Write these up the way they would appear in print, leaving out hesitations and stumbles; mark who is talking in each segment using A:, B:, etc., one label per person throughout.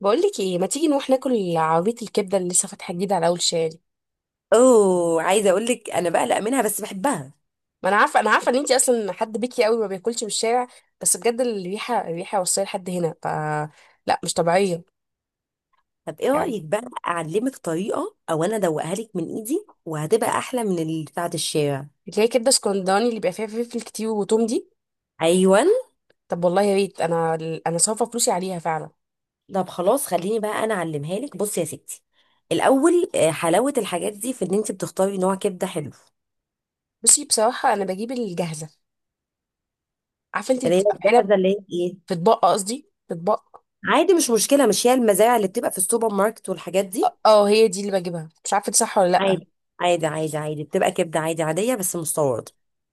A: بقولك ايه، ما تيجي نروح ناكل عربيه الكبده اللي لسه فاتحه جديد على اول شارع؟
B: اوه، عايزه اقول لك انا بقلق منها بس بحبها.
A: ما انا عارفه ان انتي اصلا حد بيكي قوي ما بياكلش من الشارع. بس بجد الريحه الريحه وصلت لحد هنا ف. لا، مش طبيعيه.
B: طب ايه
A: يعني
B: رايك بقى اعلمك طريقه او انا ادوقها لك من ايدي وهتبقى احلى من اللي بتاعه الشارع؟
A: اللي هي كبده اسكندراني اللي بيبقى فيها فلفل كتير وتوم دي.
B: ايوه.
A: طب والله يا ريت، انا صارفه فلوسي عليها فعلا.
B: طب خلاص خليني بقى انا اعلمها لك. بصي يا ستي، الاول حلاوه الحاجات دي في ان انت بتختاري نوع كبده حلو.
A: بصي بصراحه انا بجيب الجاهزه. عارفه انت اللي
B: اللي هي
A: بتبقى في علب.
B: الجاهزه، اللي هي ايه؟
A: في اطباق، قصدي في اطباق.
B: عادي، مش مشكله. مش هي المزارع اللي بتبقى في السوبر ماركت والحاجات دي؟
A: اه، هي دي اللي بجيبها، مش عارفه دي صح ولا لا.
B: عادي، عادي، عادي، عادي، بتبقى كبده عادي، عاديه بس مستورده.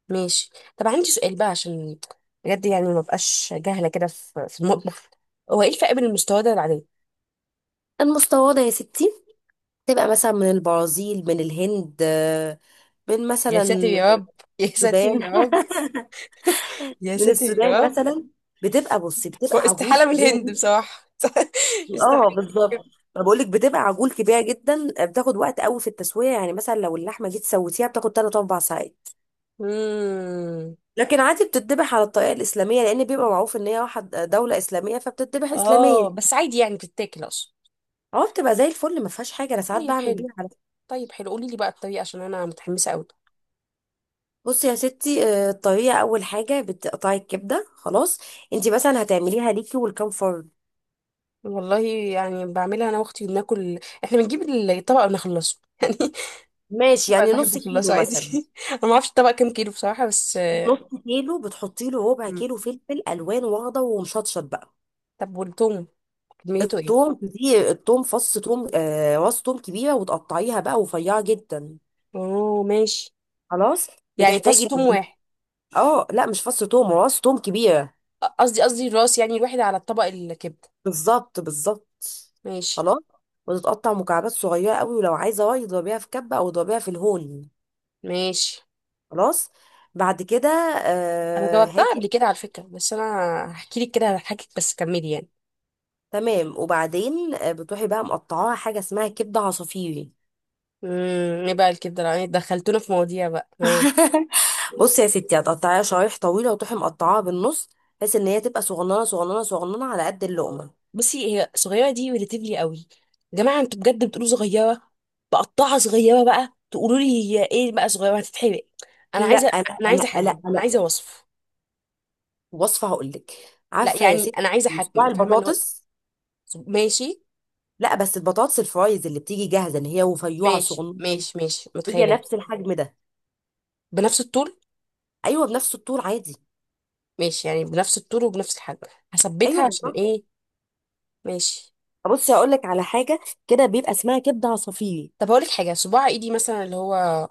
A: ماشي. طب عندي سؤال بقى، عشان بجد يعني ما بقاش جاهله كده في المطبخ. هو ايه الفرق بين المستويات والعاديه؟
B: المستورده يا ستي تبقى مثلا من البرازيل، من الهند، بين
A: يا ساتر
B: مثلا
A: يا رب! يا ساتر
B: السودان
A: يا رب! يا
B: من
A: ساتر يا
B: السودان
A: رب!
B: مثلا. بتبقى، بصي،
A: هو
B: بتبقى عجول
A: استحالة من
B: كبيره
A: الهند
B: جدا.
A: بصراحة استحالة.
B: اه بالظبط. ما بقولك بتبقى عجول كبيره جدا، بتاخد وقت قوي في التسويه، يعني مثلا لو اللحمه جيت سويتيها بتاخد 3 4 ساعات.
A: امم.
B: لكن عادي بتتذبح على الطريقه الاسلاميه، لان بيبقى معروف ان هي واحد دوله اسلاميه فبتتذبح اسلاميه.
A: اه، بس عادي يعني بتتاكل اصلا.
B: اه بتبقى زي الفل، ما فيهاش حاجه. انا ساعات
A: طيب
B: بعمل
A: حلو،
B: بيها على فكرة.
A: طيب حلو، قولي لي بقى الطريقه عشان انا متحمسه قوي.
B: بصي يا ستي، الطريقه اول حاجه بتقطعي الكبده. خلاص. انت مثلا هتعمليها ليكي ولكام فرد؟
A: والله، يعني بعملها انا واختي وبناكل. احنا بنجيب الطبق ونخلصه يعني.
B: ماشي،
A: أنا
B: يعني
A: بحب
B: نص
A: الخلاصة
B: كيلو
A: عادي.
B: مثلا.
A: انا ما اعرفش الطبق كام كيلو بصراحه بس.
B: نص كيلو بتحطي له ربع
A: مم.
B: كيلو فلفل الوان واخضر ومشطشط بقى.
A: طب والثوم، كميته ايه؟
B: التوم دي، التوم فص توم راس توم كبيره، وتقطعيها بقى رفيعه جدا.
A: اوه، ماشي.
B: خلاص.
A: يعني فص
B: بتحتاجي.
A: ثوم واحد؟
B: اه لا، مش فص توم، راس توم كبيره.
A: قصدي راس، يعني الواحد على الطبق الكبده.
B: بالظبط، بالظبط.
A: ماشي
B: خلاص. وتتقطع مكعبات صغيره قوي، ولو عايزه راي اضربيها في كبه او اضربيها في الهون.
A: ماشي.
B: خلاص. بعد كده
A: انا جاوبتها قبل
B: هاتي.
A: كده على فكره، بس انا هحكي لك كده هضحكك، بس كملي يعني.
B: تمام. وبعدين، بتروحي بقى مقطعاها حاجه اسمها كبده عصافيري.
A: امم، ايه بقى الكبده؟ يعني دخلتونا في مواضيع بقى، ها.
B: بصي يا ستي، هتقطعيها شرايح طويله وتروحي مقطعاها بالنص، بحيث ان هي تبقى صغننه صغننه صغننه على قد اللقمه.
A: بصي، هي صغيره دي ريليتيفلي قوي. يا جماعه انتوا بجد بتقولوا صغيره. بقطعها صغيره بقى، تقولوا لي. هي ايه بقى صغيره؟ هتتحرق. انا
B: لا،
A: عايزه
B: انا
A: انا
B: انا
A: عايزه
B: انا
A: حجم، انا
B: انا
A: عايزه وصف.
B: وصفه هقول لك.
A: لا،
B: عارفه يا
A: يعني
B: ستي،
A: انا عايزه
B: صباع
A: حجم، فاهمه اللي هو.
B: البطاطس.
A: ماشي
B: لا بس البطاطس الفرايز اللي بتيجي جاهزه ان هي رفيعه
A: ماشي
B: صغننه.
A: ماشي ماشي،
B: هي
A: متخيلة.
B: نفس الحجم ده.
A: بنفس الطول.
B: ايوه بنفس الطول عادي.
A: ماشي، يعني بنفس الطول وبنفس الحجم. هثبتها
B: ايوه
A: عشان
B: بالظبط.
A: ايه. ماشي.
B: بصي هقول لك على حاجه، كده بيبقى اسمها كبده عصافيري.
A: طب هقولك حاجة، صباع ايدي مثلا اللي هو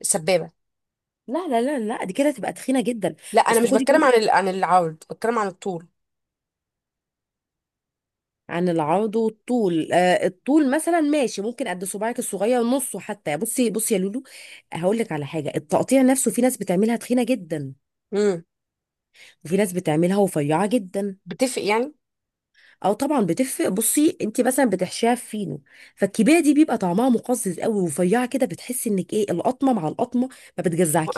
A: السبابة.
B: لا لا لا لا، دي كده تبقى تخينه جدا.
A: لا، انا
B: اصل
A: مش
B: خدي.
A: بتكلم عن العرض، بتكلم عن الطول.
B: عن العرض والطول، الطول مثلا ماشي ممكن قد صباعك الصغير نصه حتى. بصي بصي يا لولو، هقول لك على حاجه. التقطيع نفسه، في ناس بتعملها تخينه جدا،
A: امم.
B: وفي ناس بتعملها رفيعه جدا.
A: بتفرق يعني.
B: او طبعا بتفرق. بصي، انت مثلا بتحشيها في فينو، فالكبيره دي بيبقى طعمها مقزز قوي، ورفيعه كده بتحسي انك ايه القطمه مع القطمه، ما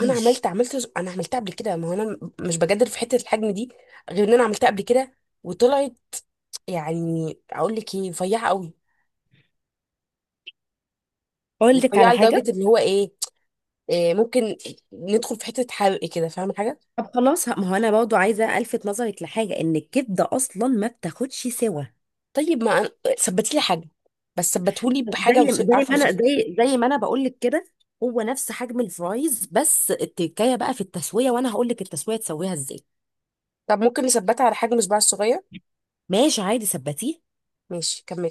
A: انا عملتها قبل كده، ما هو انا مش بجادل في حتة الحجم دي. غير ان انا عملتها قبل كده وطلعت. يعني اقول لك ايه؟ رفيعة قوي.
B: اقول لك على
A: رفيعة
B: حاجه.
A: لدرجة اللي هو ايه, إيه ممكن ندخل في حتة حرق كده، فاهمة حاجة.
B: طب خلاص، ما هو انا برضه عايزه الفت نظرك لحاجه ان الكبده اصلا ما بتاخدش سوا.
A: طيب ما أنا- ثبتي لي حجم. بس ثبتهولي
B: زي
A: بحاجه
B: زي
A: عارفه
B: ما
A: اوصفها.
B: انا، زي ما انا بقول لك كده، هو نفس حجم الفرايز، بس التكايه بقى في التسويه، وانا هقول لك التسويه تسويها ازاي.
A: طب ممكن نثبتها على حجم صباعي الصغير.
B: ماشي عادي، ثبتيه.
A: ماشي، كملي.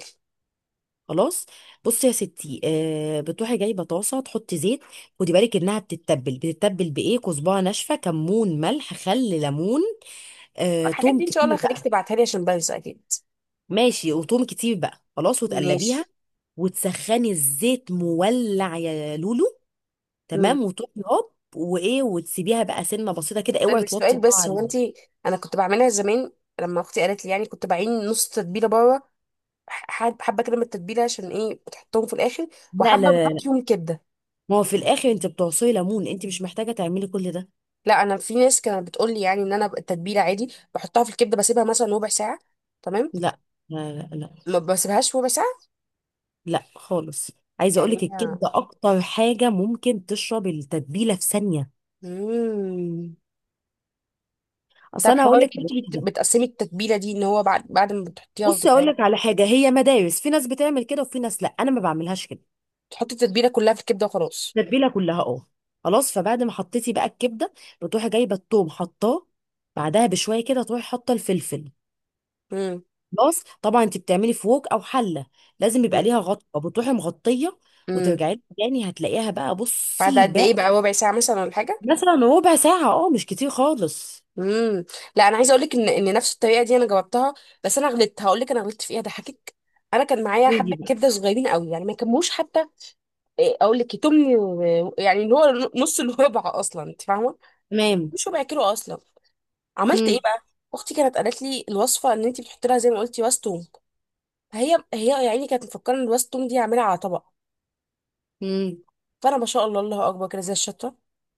B: خلاص. بصي يا ستي، بتروحي جايبه طاسه تحطي زيت. خدي بالك انها بتتبل بايه، كزبره ناشفه، كمون، ملح، خل، ليمون،
A: الحاجات
B: توم
A: دي ان شاء الله
B: كتير
A: هخليك
B: بقى.
A: تبعتها لي عشان بنسى اكيد.
B: ماشي، وتوم كتير بقى. خلاص،
A: ماشي.
B: وتقلبيها، وتسخني الزيت مولع يا لولو.
A: مم.
B: تمام، وتروحي هوب وايه، وتسيبيها بقى سنه بسيطه كده،
A: طيب
B: اوعي توطي
A: السؤال،
B: النار
A: بس هو انت.
B: عليها.
A: انا كنت بعملها زمان، لما اختي قالت لي، يعني كنت بعين نص تتبيله بره. حبه كده من التتبيله، عشان ايه بتحطهم في الاخر؟
B: لا
A: وحبه
B: لا لا
A: بحط
B: لا.
A: فيهم كبده.
B: ما هو في الاخر انت بتعصري ليمون، انت مش محتاجه تعملي كل ده.
A: لا، انا في ناس كانت بتقول لي يعني ان انا التتبيله عادي بحطها في الكبده، بسيبها مثلا ربع ساعه. تمام.
B: لا لا لا لا،
A: ما بسيبهاش ربع ساعه.
B: لا خالص. عايزه اقول
A: يعني.
B: لك الكبده اكتر حاجه ممكن تشرب التتبيله في ثانيه.
A: مم.
B: اصل
A: طب
B: انا هقول
A: حوار ان
B: لك على
A: انت
B: حاجه.
A: بتقسمي التتبيله دي، ان هو بعد ما بتحطيها
B: بصي اقول
A: وتتعمل.
B: لك على حاجه، هي مدارس، في ناس بتعمل كده وفي ناس لا، انا ما بعملهاش كده.
A: تحطي التتبيله كلها في الكبده وخلاص.
B: التتبيله كلها اه. خلاص، فبعد ما حطيتي بقى الكبده، بتروحي جايبه الثوم حطاه، بعدها بشويه كده تروحي حاطه الفلفل.
A: امم،
B: خلاص. طبعا انت بتعملي فوق او حله، لازم يبقى ليها غطا، بتروحي مغطيه
A: امم.
B: وترجعي لها تاني هتلاقيها بقى،
A: بعد
B: بصي
A: قد
B: بقى.
A: ايه بقى؟ ربع ساعه مثلا، ولا حاجه؟
B: مثلا ربع ساعه، اه مش كتير خالص.
A: امم. لا، انا عايزه اقول لك ان نفس الطريقه دي انا جربتها. بس انا غلطت، هقول لك انا غلطت في ايه، هضحكك. انا كان معايا
B: قولي
A: حبه
B: بقى.
A: كبده صغيرين قوي، يعني ما كموش حتى. إيه، اقول لك تمن يعني اللي هو نص الربع اصلا، انت فاهمه. ما
B: تمام.
A: كموش ربع كيلو اصلا. عملت ايه
B: مم.
A: بقى. اختي كانت قالت لي الوصفه، ان انت بتحطي لها زي ما قلتي راس توم. هي هي يعني كانت مفكره ان راس التوم دي هعملها على طبق.
B: مم.
A: فانا، ما شاء الله، الله اكبر، كده زي الشطه.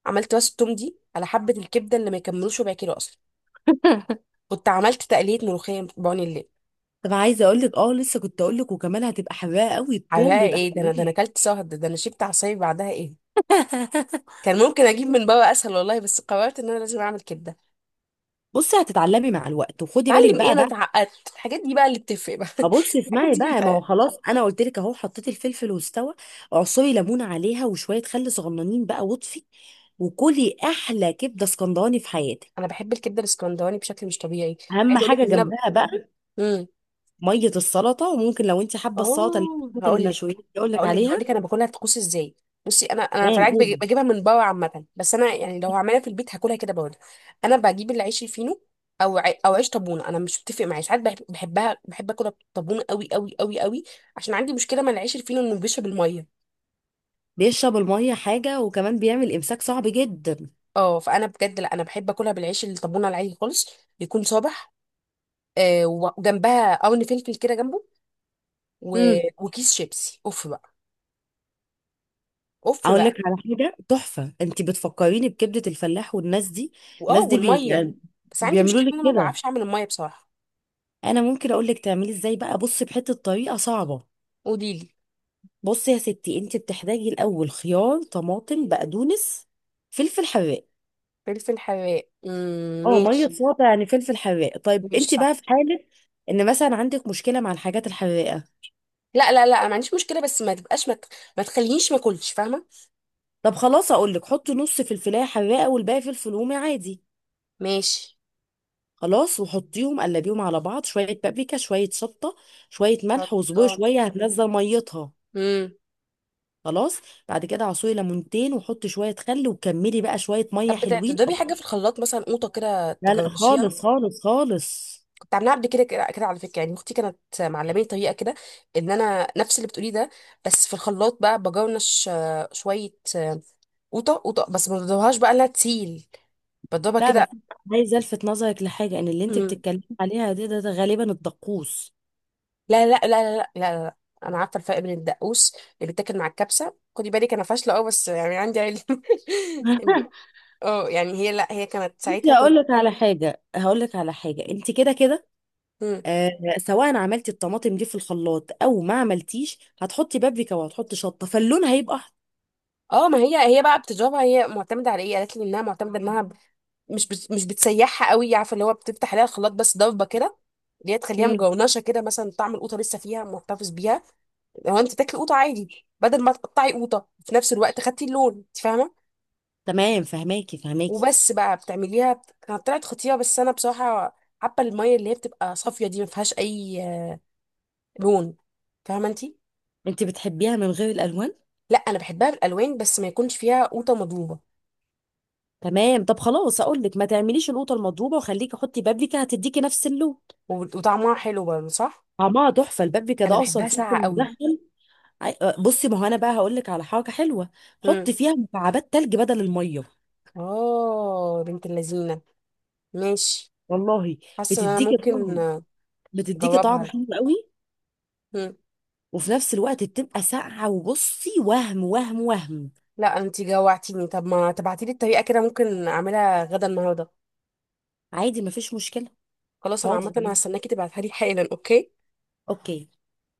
A: عملت راس التوم دي على حبه الكبده اللي ما يكملوش ربع كيلو اصلا. كنت عملت تقليه ملوخيه بعون الليل.
B: طب، عايزه اقول لك، لسه كنت اقول لك، وكمان هتبقى حراقه قوي التوم،
A: عليها
B: بيبقى
A: ايه ده انا
B: حلوين.
A: اكلت سهد، ده انا شبت عصاير بعدها ايه. كان ممكن اجيب من بره اسهل والله، بس قررت ان انا لازم اعمل كبده.
B: بصي، هتتعلمي مع الوقت وخدي بالك
A: اتعلم ايه؟
B: بقى.
A: انا اتعقدت، الحاجات دي بقى اللي بتفرق بقى.
B: ابص
A: الحاجات
B: اسمعي
A: دي
B: بقى، ما
A: بتاع...
B: هو خلاص انا قلت لك اهو حطيت الفلفل واستوى. اعصري ليمونه عليها وشويه خل صغننين بقى واطفي، وكلي احلى كبده اسكندراني في حياتك.
A: انا بحب الكبده الاسكندراني بشكل مش طبيعي.
B: اهم
A: عايزه اقول لك
B: حاجه
A: ان
B: جنبها بقى
A: انا.
B: ميه السلطه. وممكن لو انت حابه السلطه اللي
A: اه،
B: بتاعت
A: هقول لك
B: المشويات اللي اقول لك
A: هقول لك هقول لك
B: عليها.
A: انا باكلها طقوس ازاي. بصي، انا في
B: تمام
A: العادي
B: قولي.
A: بجيبها من بره عامه، بس انا يعني لو هعملها في البيت هاكلها كده برضه. انا بجيب العيش الفينو. او عيش طابونه، انا مش بتفق معايا ساعات بحبها، بحب اكلها طابونه قوي قوي قوي قوي. عشان عندي مشكله مع العيش الفينو، انه بيشرب الميه.
B: بيشرب الميه حاجه، وكمان بيعمل امساك صعب جدا.
A: اه، فانا بجد لا، انا بحب اكلها بالعيش الطابونه العادي خالص. يكون صابح. آه، وجنبها قرن فلفل كده جنبه. و...
B: امم
A: وكيس شيبسي، اوف بقى. اوف
B: اقول لك
A: بقى.
B: على حاجه تحفه، انت بتفكريني بكبده الفلاح والناس دي.
A: واه،
B: الناس دي
A: والميه.
B: يعني
A: بس عندي
B: بيعملوا
A: مشكله ان
B: لك
A: انا ما
B: كده.
A: بعرفش اعمل الميه بصراحه.
B: انا ممكن اقول لك تعملي ازاي بقى، بصي بحته، طريقه صعبه.
A: قولي لي.
B: بصي يا ستي، انت بتحتاجي الاول خيار، طماطم، بقدونس، فلفل حراق.
A: فلفل حراق، امم،
B: اه ميه
A: ماشي.
B: صوابع، يعني فلفل حراق. طيب
A: ماشي
B: انت بقى
A: صح.
B: في حاله ان مثلا عندك مشكله مع الحاجات الحراقه.
A: لا لا لا، انا ما عنديش مشكله، بس ما تبقاش ما تخلينيش ما اكلش، فاهمه.
B: طب خلاص، اقول لك حطي نص فلفلايه حراقه والباقي فلفل رومي عادي.
A: ماشي.
B: خلاص، وحطيهم قلبيهم على بعض، شويه بابريكا، شويه شطه، شويه ملح وزبوع
A: حطام.
B: شويه، هتنزل ميتها.
A: امم.
B: خلاص. بعد كده عصري ليمونتين، وحطي شويه خل، وكملي بقى شويه ميه
A: طب
B: حلوين.
A: تضربي حاجه في الخلاط مثلا، قوطه كده
B: لا لا،
A: تجرشيها؟
B: خالص خالص خالص.
A: كنت عاملاها قبل كده كده كده على فكره، يعني اختي كانت معلماني طريقه كده. ان انا نفس اللي بتقوليه ده. بس في الخلاط بقى بجرنش، شويه، قوطه قوطه، بس ما بضربهاش بقى انها تسيل.
B: لا
A: بضربها
B: بس عايزه الفت نظرك لحاجه، ان اللي انت
A: كده.
B: بتتكلمي عليها دي، ده غالبا الدقوس.
A: لا لا لا لا لا لا لا. انا عارفه الفرق بين الدقوس اللي بتاكل مع الكبسه، خدي بالك انا فاشله، اه بس يعني عندي علم يعني- اه، يعني هي لا هي كانت
B: بصي
A: ساعتها
B: هقول
A: كنت.
B: لك على حاجه، انت كده كده،
A: مم.
B: آه سواء عملتي الطماطم دي في الخلاط او ما عملتيش، هتحطي بابريكا وهتحطي شطه، فاللون هيبقى احمر.
A: اه، ما هي هي بقى بتضربها، هي معتمده على ايه؟ قالت لي انها معتمده انها مش بتسيحها قوي، عارفه اللي هو بتفتح عليها الخلاط بس ضربه كده. اللي هي تخليها
B: مم.
A: مجونشه كده، مثلا طعم القوطه لسه فيها محتفظ بيها. لو انت تاكلي قوطه عادي بدل ما تقطعي قوطه، في نفس الوقت خدتي اللون، انت فاهمه.
B: تمام، فهماكي فهماكي.
A: وبس بقى بتعمليها كانت طلعت خطيره، بس انا بصراحه حابه الميه اللي هي بتبقى صافيه دي ما فيهاش اي لون، فاهمه انتي.
B: انت بتحبيها من غير الالوان؟
A: لا، انا بحبها بالالوان، بس ما يكونش فيها قوطه مضروبه.
B: تمام، طب خلاص اقول لك ما تعمليش القوطه المضروبه، وخليكي حطي بابريكا هتديكي نفس اللون.
A: وطعمها حلو برضه صح.
B: طعمها تحفه، البابريكا
A: انا
B: ده اصلا
A: بحبها
B: فلفل
A: ساقعه قوي.
B: مدخن. أي- أه، بصي، ما هو انا بقى هقول لك على حاجه حلوه.
A: امم.
B: حطي فيها مكعبات تلج بدل الميه.
A: اه، بنت اللذينه. ماشي.
B: والله
A: حاسه ان انا
B: بتديكي
A: ممكن
B: طعم بتديكي
A: اجربها،
B: طعم
A: لا.
B: حلو قوي،
A: مم.
B: وفي نفس الوقت بتبقى ساقعه. وبصي وهم وهم وهم.
A: لا انتي جوعتيني، طب ما تبعتيلي الطريقه كده ممكن اعملها غدا النهارده.
B: عادي ما فيش مشكله.
A: خلاص، انا عامه
B: حاضر.
A: هستناكي تبعتها لي حالا، اوكي.
B: اوكي.